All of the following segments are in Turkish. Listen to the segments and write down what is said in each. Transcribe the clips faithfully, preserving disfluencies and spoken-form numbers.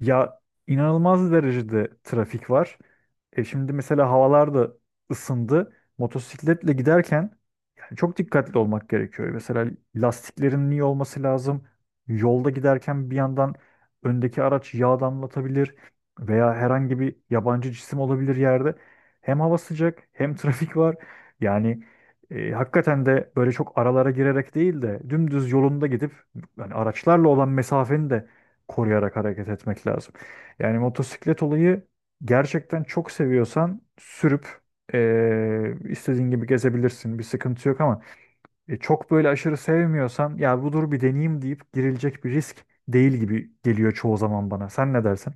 Ya, inanılmaz derecede trafik var. E şimdi mesela havalar da ısındı. Motosikletle giderken yani çok dikkatli olmak gerekiyor. Mesela lastiklerin iyi olması lazım. Yolda giderken bir yandan öndeki araç yağ damlatabilir veya herhangi bir yabancı cisim olabilir yerde. Hem hava sıcak hem trafik var. Yani e, hakikaten de böyle çok aralara girerek değil de dümdüz yolunda gidip yani araçlarla olan mesafeni de koruyarak hareket etmek lazım. Yani motosiklet olayı gerçekten çok seviyorsan sürüp eee, istediğin gibi gezebilirsin. Bir sıkıntı yok ama e, çok böyle aşırı sevmiyorsan ya bu dur bir deneyeyim deyip girilecek bir risk değil gibi geliyor çoğu zaman bana. Sen ne dersin?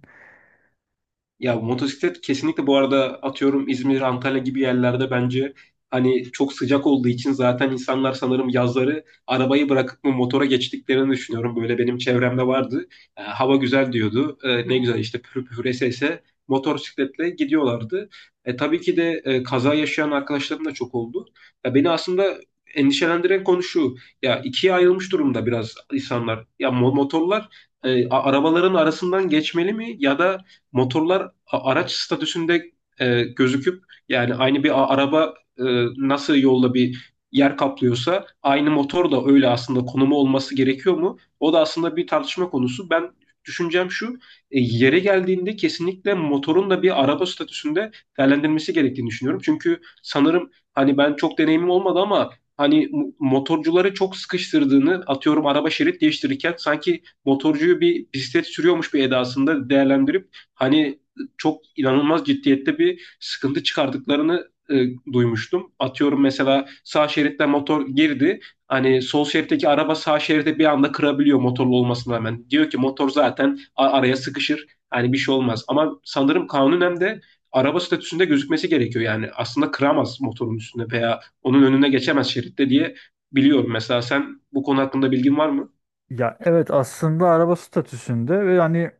Ya motosiklet kesinlikle bu arada atıyorum İzmir, Antalya gibi yerlerde bence hani çok sıcak olduğu için zaten insanlar sanırım yazları arabayı bırakıp mı motora geçtiklerini düşünüyorum. Böyle benim çevremde vardı. E, hava güzel diyordu. E, ne güzel işte pür pür ese motosikletle gidiyorlardı. E, tabii ki de e, kaza yaşayan arkadaşlarım da çok oldu. Ya beni aslında endişelendiren konu şu. Ya ikiye ayrılmış durumda biraz insanlar. Ya mo- motorlar e, a- arabaların arasından geçmeli mi ya da motorlar a- araç statüsünde e, gözüküp yani aynı bir a- araba e, nasıl yolda bir yer kaplıyorsa aynı motor da öyle aslında konumu olması gerekiyor mu? O da aslında bir tartışma konusu. Ben düşüncem şu, e, yere geldiğinde kesinlikle motorun da bir araba statüsünde değerlendirilmesi gerektiğini düşünüyorum. Çünkü sanırım hani ben çok deneyimim olmadı ama hani mo- motorcuları çok sıkıştırdığını atıyorum araba şerit değiştirirken sanki motorcuyu bir bisiklet sürüyormuş bir edasında değerlendirip hani çok inanılmaz ciddiyette bir sıkıntı çıkardıklarını e, duymuştum. Atıyorum mesela sağ şeritte motor girdi. Hani sol şeritteki araba sağ şeride bir anda kırabiliyor motorlu olmasına rağmen. Diyor ki motor zaten a- araya sıkışır. Hani bir şey olmaz. Ama sanırım kanunen de araba statüsünde gözükmesi gerekiyor. Yani aslında kıramaz motorun üstünde veya onun önüne geçemez şeritte diye biliyorum. Mesela sen bu konu hakkında bilgin var mı? Ya evet, aslında araba statüsünde ve hani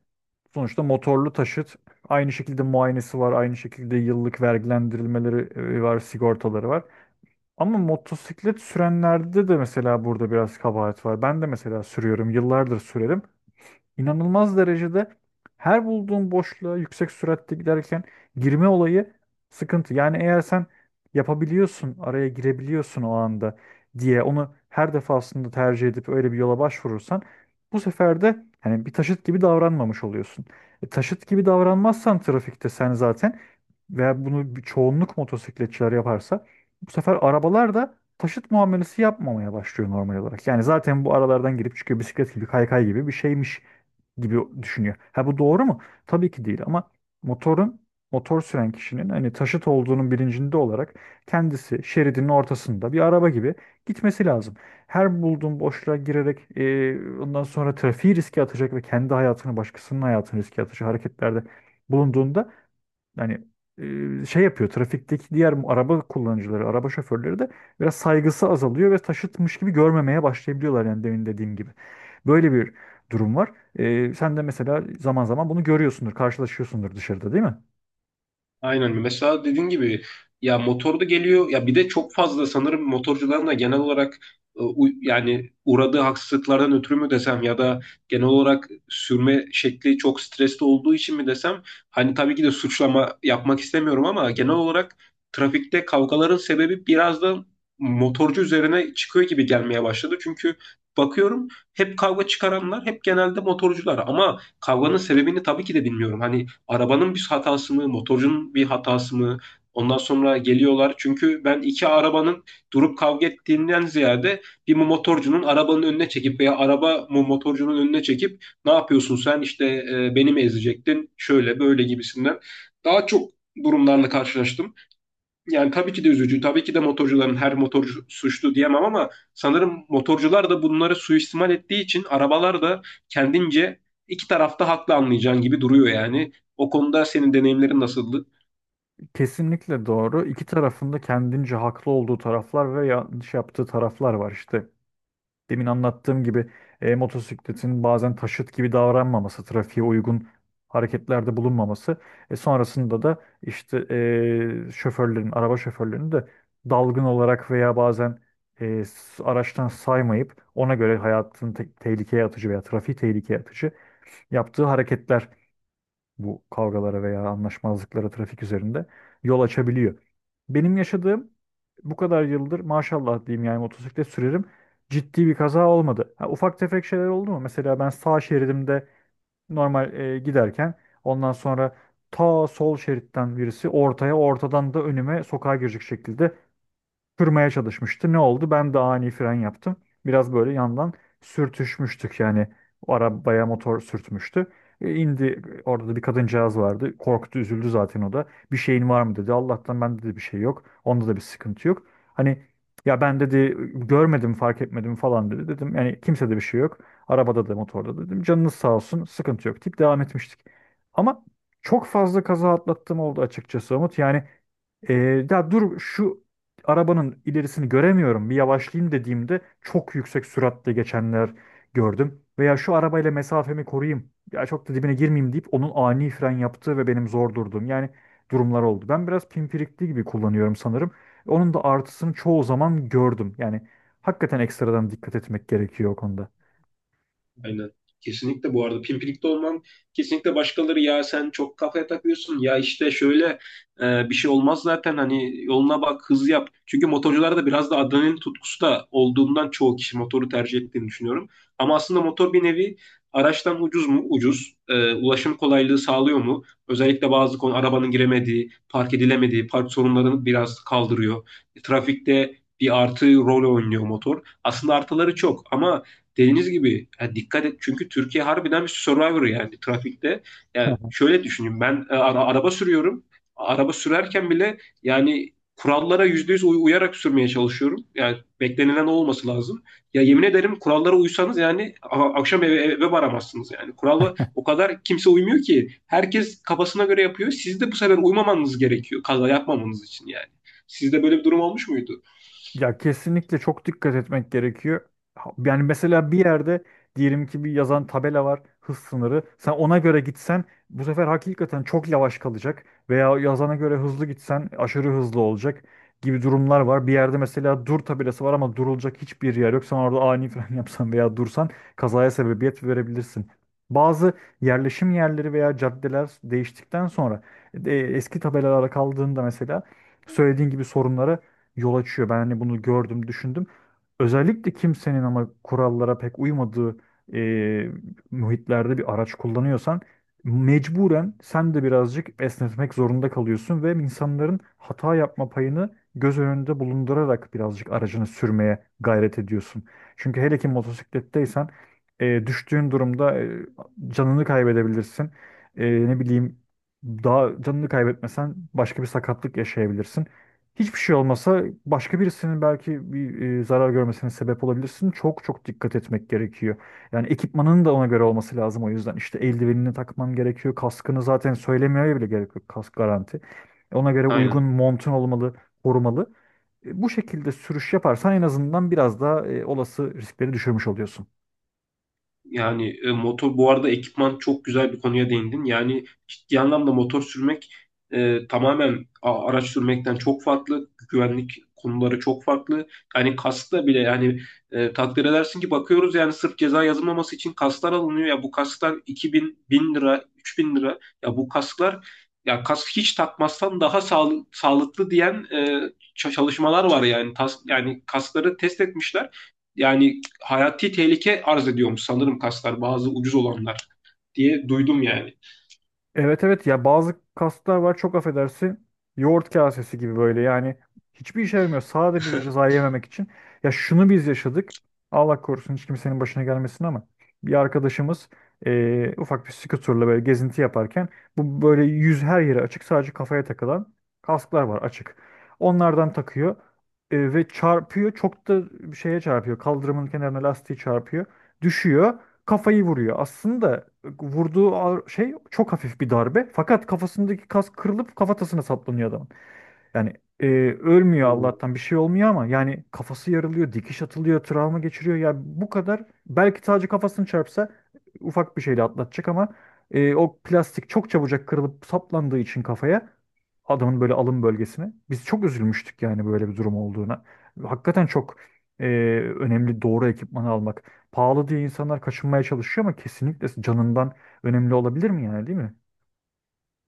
sonuçta motorlu taşıt aynı şekilde muayenesi var, aynı şekilde yıllık vergilendirilmeleri e, var, sigortaları var. Ama motosiklet sürenlerde de mesela burada biraz kabahat var. Ben de mesela sürüyorum, yıllardır sürerim. İnanılmaz derecede her bulduğun boşluğa yüksek süratte giderken girme olayı sıkıntı. Yani eğer sen yapabiliyorsun, araya girebiliyorsun o anda diye onu her defasında tercih edip öyle bir yola başvurursan bu sefer de hani bir taşıt gibi davranmamış oluyorsun. E, taşıt gibi davranmazsan trafikte sen zaten veya bunu bir çoğunluk motosikletçiler yaparsa bu sefer arabalar da taşıt muamelesi yapmamaya başlıyor normal olarak. Yani zaten bu aralardan girip çıkıyor, bisiklet gibi kaykay gibi bir şeymiş gibi düşünüyor. Ha, bu doğru mu? Tabii ki değil, ama motorun, motor süren kişinin hani taşıt olduğunun bilincinde olarak kendisi şeridinin ortasında bir araba gibi gitmesi lazım. Her bulduğun boşluğa girerek e, ondan sonra trafiği riske atacak ve kendi hayatını, başkasının hayatını riske atacak hareketlerde bulunduğunda yani e, şey yapıyor, trafikteki diğer araba kullanıcıları, araba şoförleri de biraz saygısı azalıyor ve taşıtmış gibi görmemeye başlayabiliyorlar, yani demin dediğim gibi. Böyle bir durum var. E, sen de mesela zaman zaman bunu görüyorsundur, karşılaşıyorsundur dışarıda, değil mi? Aynen. Mesela dediğin gibi ya motor da geliyor ya bir de çok fazla sanırım motorcuların da genel olarak e, u- yani uğradığı haksızlıklardan ötürü mü desem ya da genel olarak sürme şekli çok stresli olduğu için mi desem hani tabii ki de suçlama yapmak istemiyorum ama genel olarak trafikte kavgaların sebebi biraz da motorcu üzerine çıkıyor gibi gelmeye başladı. Çünkü bakıyorum hep kavga çıkaranlar hep genelde motorcular ama kavganın sebebini tabii ki de bilmiyorum. Hani arabanın bir hatası mı, motorcunun bir hatası mı? Ondan sonra geliyorlar. Çünkü ben iki arabanın durup kavga ettiğinden ziyade bir motorcunun arabanın önüne çekip veya araba motorcunun önüne çekip ne yapıyorsun sen işte e, beni mi ezecektin şöyle böyle gibisinden daha çok durumlarla karşılaştım. Yani tabii ki de üzücü. Tabii ki de motorcuların her motorcu suçlu diyemem ama sanırım motorcular da bunları suistimal ettiği için arabalar da kendince iki tarafta haklı anlayacağın gibi duruyor yani. O konuda senin deneyimlerin nasıldı? Kesinlikle doğru. İki tarafında kendince haklı olduğu taraflar ve yanlış yaptığı taraflar var işte. Demin anlattığım gibi e, motosikletin bazen taşıt gibi davranmaması, trafiğe uygun hareketlerde bulunmaması, e, sonrasında da işte e, şoförlerin, araba şoförlerinin de dalgın olarak veya bazen e, s- araçtan saymayıp ona göre hayatını te- tehlikeye atıcı veya trafiği tehlikeye atıcı yaptığı hareketler bu kavgalara veya anlaşmazlıklara trafik üzerinde yol açabiliyor. Benim yaşadığım, bu kadar yıldır maşallah diyeyim yani motosiklet sürerim, ciddi bir kaza olmadı. Ha, ufak tefek şeyler oldu mu? Mesela ben sağ şeridimde normal e, giderken ondan sonra ta sol şeritten birisi ortaya, ortadan da önüme sokağa girecek şekilde kırmaya çalışmıştı. Ne oldu? Ben de ani fren yaptım. Biraz böyle yandan sürtüşmüştük yani, o arabaya motor sürtmüştü. E, indi, orada da bir kadıncağız vardı. Korktu, üzüldü zaten o da. Bir şeyin var mı dedi. Allah'tan bende de bir şey yok. Onda da bir sıkıntı yok. Hani ya ben dedi görmedim, fark etmedim falan dedi. Dedim yani kimsede bir şey yok. Arabada da motorda da dedim. Canınız sağ olsun, sıkıntı yok deyip devam etmiştik. Ama çok fazla kaza atlattığım oldu açıkçası Umut. Yani ee, ya dur şu arabanın ilerisini göremiyorum, bir yavaşlayayım dediğimde çok yüksek süratle geçenler gördüm. Veya şu arabayla mesafemi koruyayım, ya çok da dibine girmeyeyim deyip onun ani fren yaptığı ve benim zor durduğum yani durumlar oldu. Ben biraz pimpirikli gibi kullanıyorum sanırım. Onun da artısını çoğu zaman gördüm. Yani hakikaten ekstradan dikkat etmek gerekiyor o konuda. Aynen. Kesinlikle bu arada pimpirikte olman kesinlikle başkaları ya sen çok kafaya takıyorsun ya işte şöyle e, bir şey olmaz zaten hani yoluna bak hız yap. Çünkü motorcularda biraz da adrenalin tutkusu da olduğundan çoğu kişi motoru tercih ettiğini düşünüyorum. Ama aslında motor bir nevi araçtan ucuz mu? Ucuz. E, ulaşım kolaylığı sağlıyor mu? Özellikle bazı konu arabanın giremediği, park edilemediği, park sorunlarını biraz kaldırıyor. E, Trafikte bir artı rol oynuyor motor. Aslında artıları çok ama dediğiniz gibi ya dikkat et çünkü Türkiye harbiden bir survivor yani trafikte. Yani şöyle düşünün ben e, ara- araba sürüyorum. Araba sürerken bile yani kurallara yüzde yüz uyarak sürmeye çalışıyorum. Yani beklenilen olması lazım. Ya yemin ederim kurallara uysanız yani a- akşam eve, eve varamazsınız yani. Kurala o kadar kimse uymuyor ki. Herkes kafasına göre yapıyor. Siz de bu sefer uymamanız gerekiyor kaza yapmamanız için yani. Sizde böyle bir durum olmuş muydu? Ya kesinlikle çok dikkat etmek gerekiyor. Ha- Yani mesela bir yerde diyelim ki bir yazan tabela var, hız sınırı. Sen ona göre gitsen bu sefer hakikaten çok yavaş kalacak. Veya yazana göre hızlı gitsen aşırı hızlı olacak gibi durumlar var. Bir yerde mesela dur tabelası var ama durulacak hiçbir yer yok. Sen orada ani fren yapsan veya dursan kazaya sebebiyet verebilirsin. Bazı yerleşim yerleri veya caddeler değiştikten sonra e, eski tabelalara kaldığında mesela söylediğin gibi sorunlara yol açıyor. Ben hani bunu gördüm, düşündüm. Özellikle kimsenin ama kurallara pek uymadığı e, muhitlerde bir araç kullanıyorsan mecburen sen de birazcık esnetmek zorunda kalıyorsun ve insanların hata yapma payını göz önünde bulundurarak birazcık aracını sürmeye gayret ediyorsun. Çünkü hele ki motosikletteysen e, düştüğün durumda e, canını kaybedebilirsin. E, ne bileyim, daha canını kaybetmesen başka bir sakatlık yaşayabilirsin. Hiçbir şey olmasa başka birisinin belki bir e, zarar görmesine sebep olabilirsin. Çok çok dikkat etmek gerekiyor. Yani ekipmanın da ona göre olması lazım o yüzden. İşte eldivenini takman gerekiyor. Kaskını zaten söylemeye bile gerek yok. Kask garanti. Ona göre uygun Aynen. montun olmalı, korumalı. E, bu şekilde sürüş yaparsan en azından biraz daha e, olası riskleri düşürmüş oluyorsun. Yani e, motor bu arada ekipman çok güzel bir konuya değindin. Yani ciddi anlamda motor sürmek e, tamamen a- araç sürmekten çok farklı. Güvenlik konuları çok farklı. Yani kaskla bile yani e, takdir edersin ki bakıyoruz yani sırf ceza yazılmaması için kasklar alınıyor. Ya bu kasklar iki bin bin lira, üç bin lira. Ya bu kasklar ya kask hiç takmazsan daha sağl- sağlıklı diyen e, ç- çalışmalar var yani. Tas- yani kaskları test etmişler. Yani hayati tehlike arz ediyormuş sanırım kaslar bazı ucuz olanlar diye duydum yani. Evet, evet, ya bazı kaslar var, çok affedersin, yoğurt kasesi gibi böyle yani, hiçbir işe yaramıyor, sadece ceza yememek için. Ya şunu biz yaşadık, Allah korusun hiç kimsenin başına gelmesin ama bir arkadaşımız eee, ufak bir skuterla böyle gezinti yaparken, bu böyle yüz her yere açık, sadece kafaya takılan kasklar var, açık. Onlardan takıyor e, ve çarpıyor, çok da şeye çarpıyor, kaldırımın kenarına lastiği çarpıyor, düşüyor, kafayı vuruyor. Aslında vurduğu ağır- şey çok hafif bir darbe. Fakat kafasındaki kas kırılıp kafatasına saplanıyor adamın. Yani e, ölmüyor Oo. Allah'tan, bir şey olmuyor ama yani kafası yarılıyor, dikiş atılıyor, travma geçiriyor. Yani bu kadar, belki sadece kafasını çarpsa ufak bir şeyle atlatacak ama e, o plastik çok çabucak kırılıp saplandığı için kafaya, adamın böyle alın bölgesine. Biz çok üzülmüştük yani böyle bir durum olduğuna. Hakikaten çok e, önemli doğru ekipmanı almak. Pahalı diye insanlar kaçınmaya çalışıyor ama kesinlikle canından önemli olabilir mi yani, değil mi?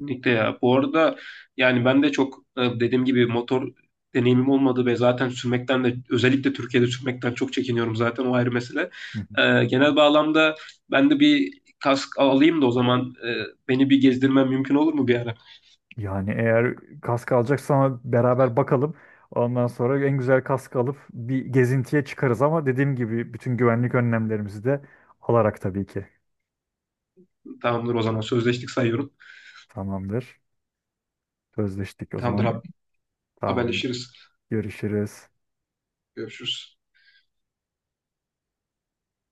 Kesinlikle ya. Bu arada yani ben de çok e, dediğim gibi motor deneyimim olmadı ve zaten sürmekten de özellikle Türkiye'de sürmekten çok çekiniyorum zaten o ayrı mesele. Hı. E, genel bağlamda ben de bir kask alayım da o zaman e, beni bir gezdirmen mümkün olur mu bir ara? Yani eğer kask alacaksa ama beraber bakalım. Ondan sonra en güzel kask alıp bir gezintiye çıkarız ama dediğim gibi bütün güvenlik önlemlerimizi de alarak tabii ki. Tamamdır o zaman sözleştik sayıyorum. Tamamdır. Sözleştik o Tamamdır zaman. abi Tamamdır. haberleşiriz. Görüşürüz. Görüşürüz.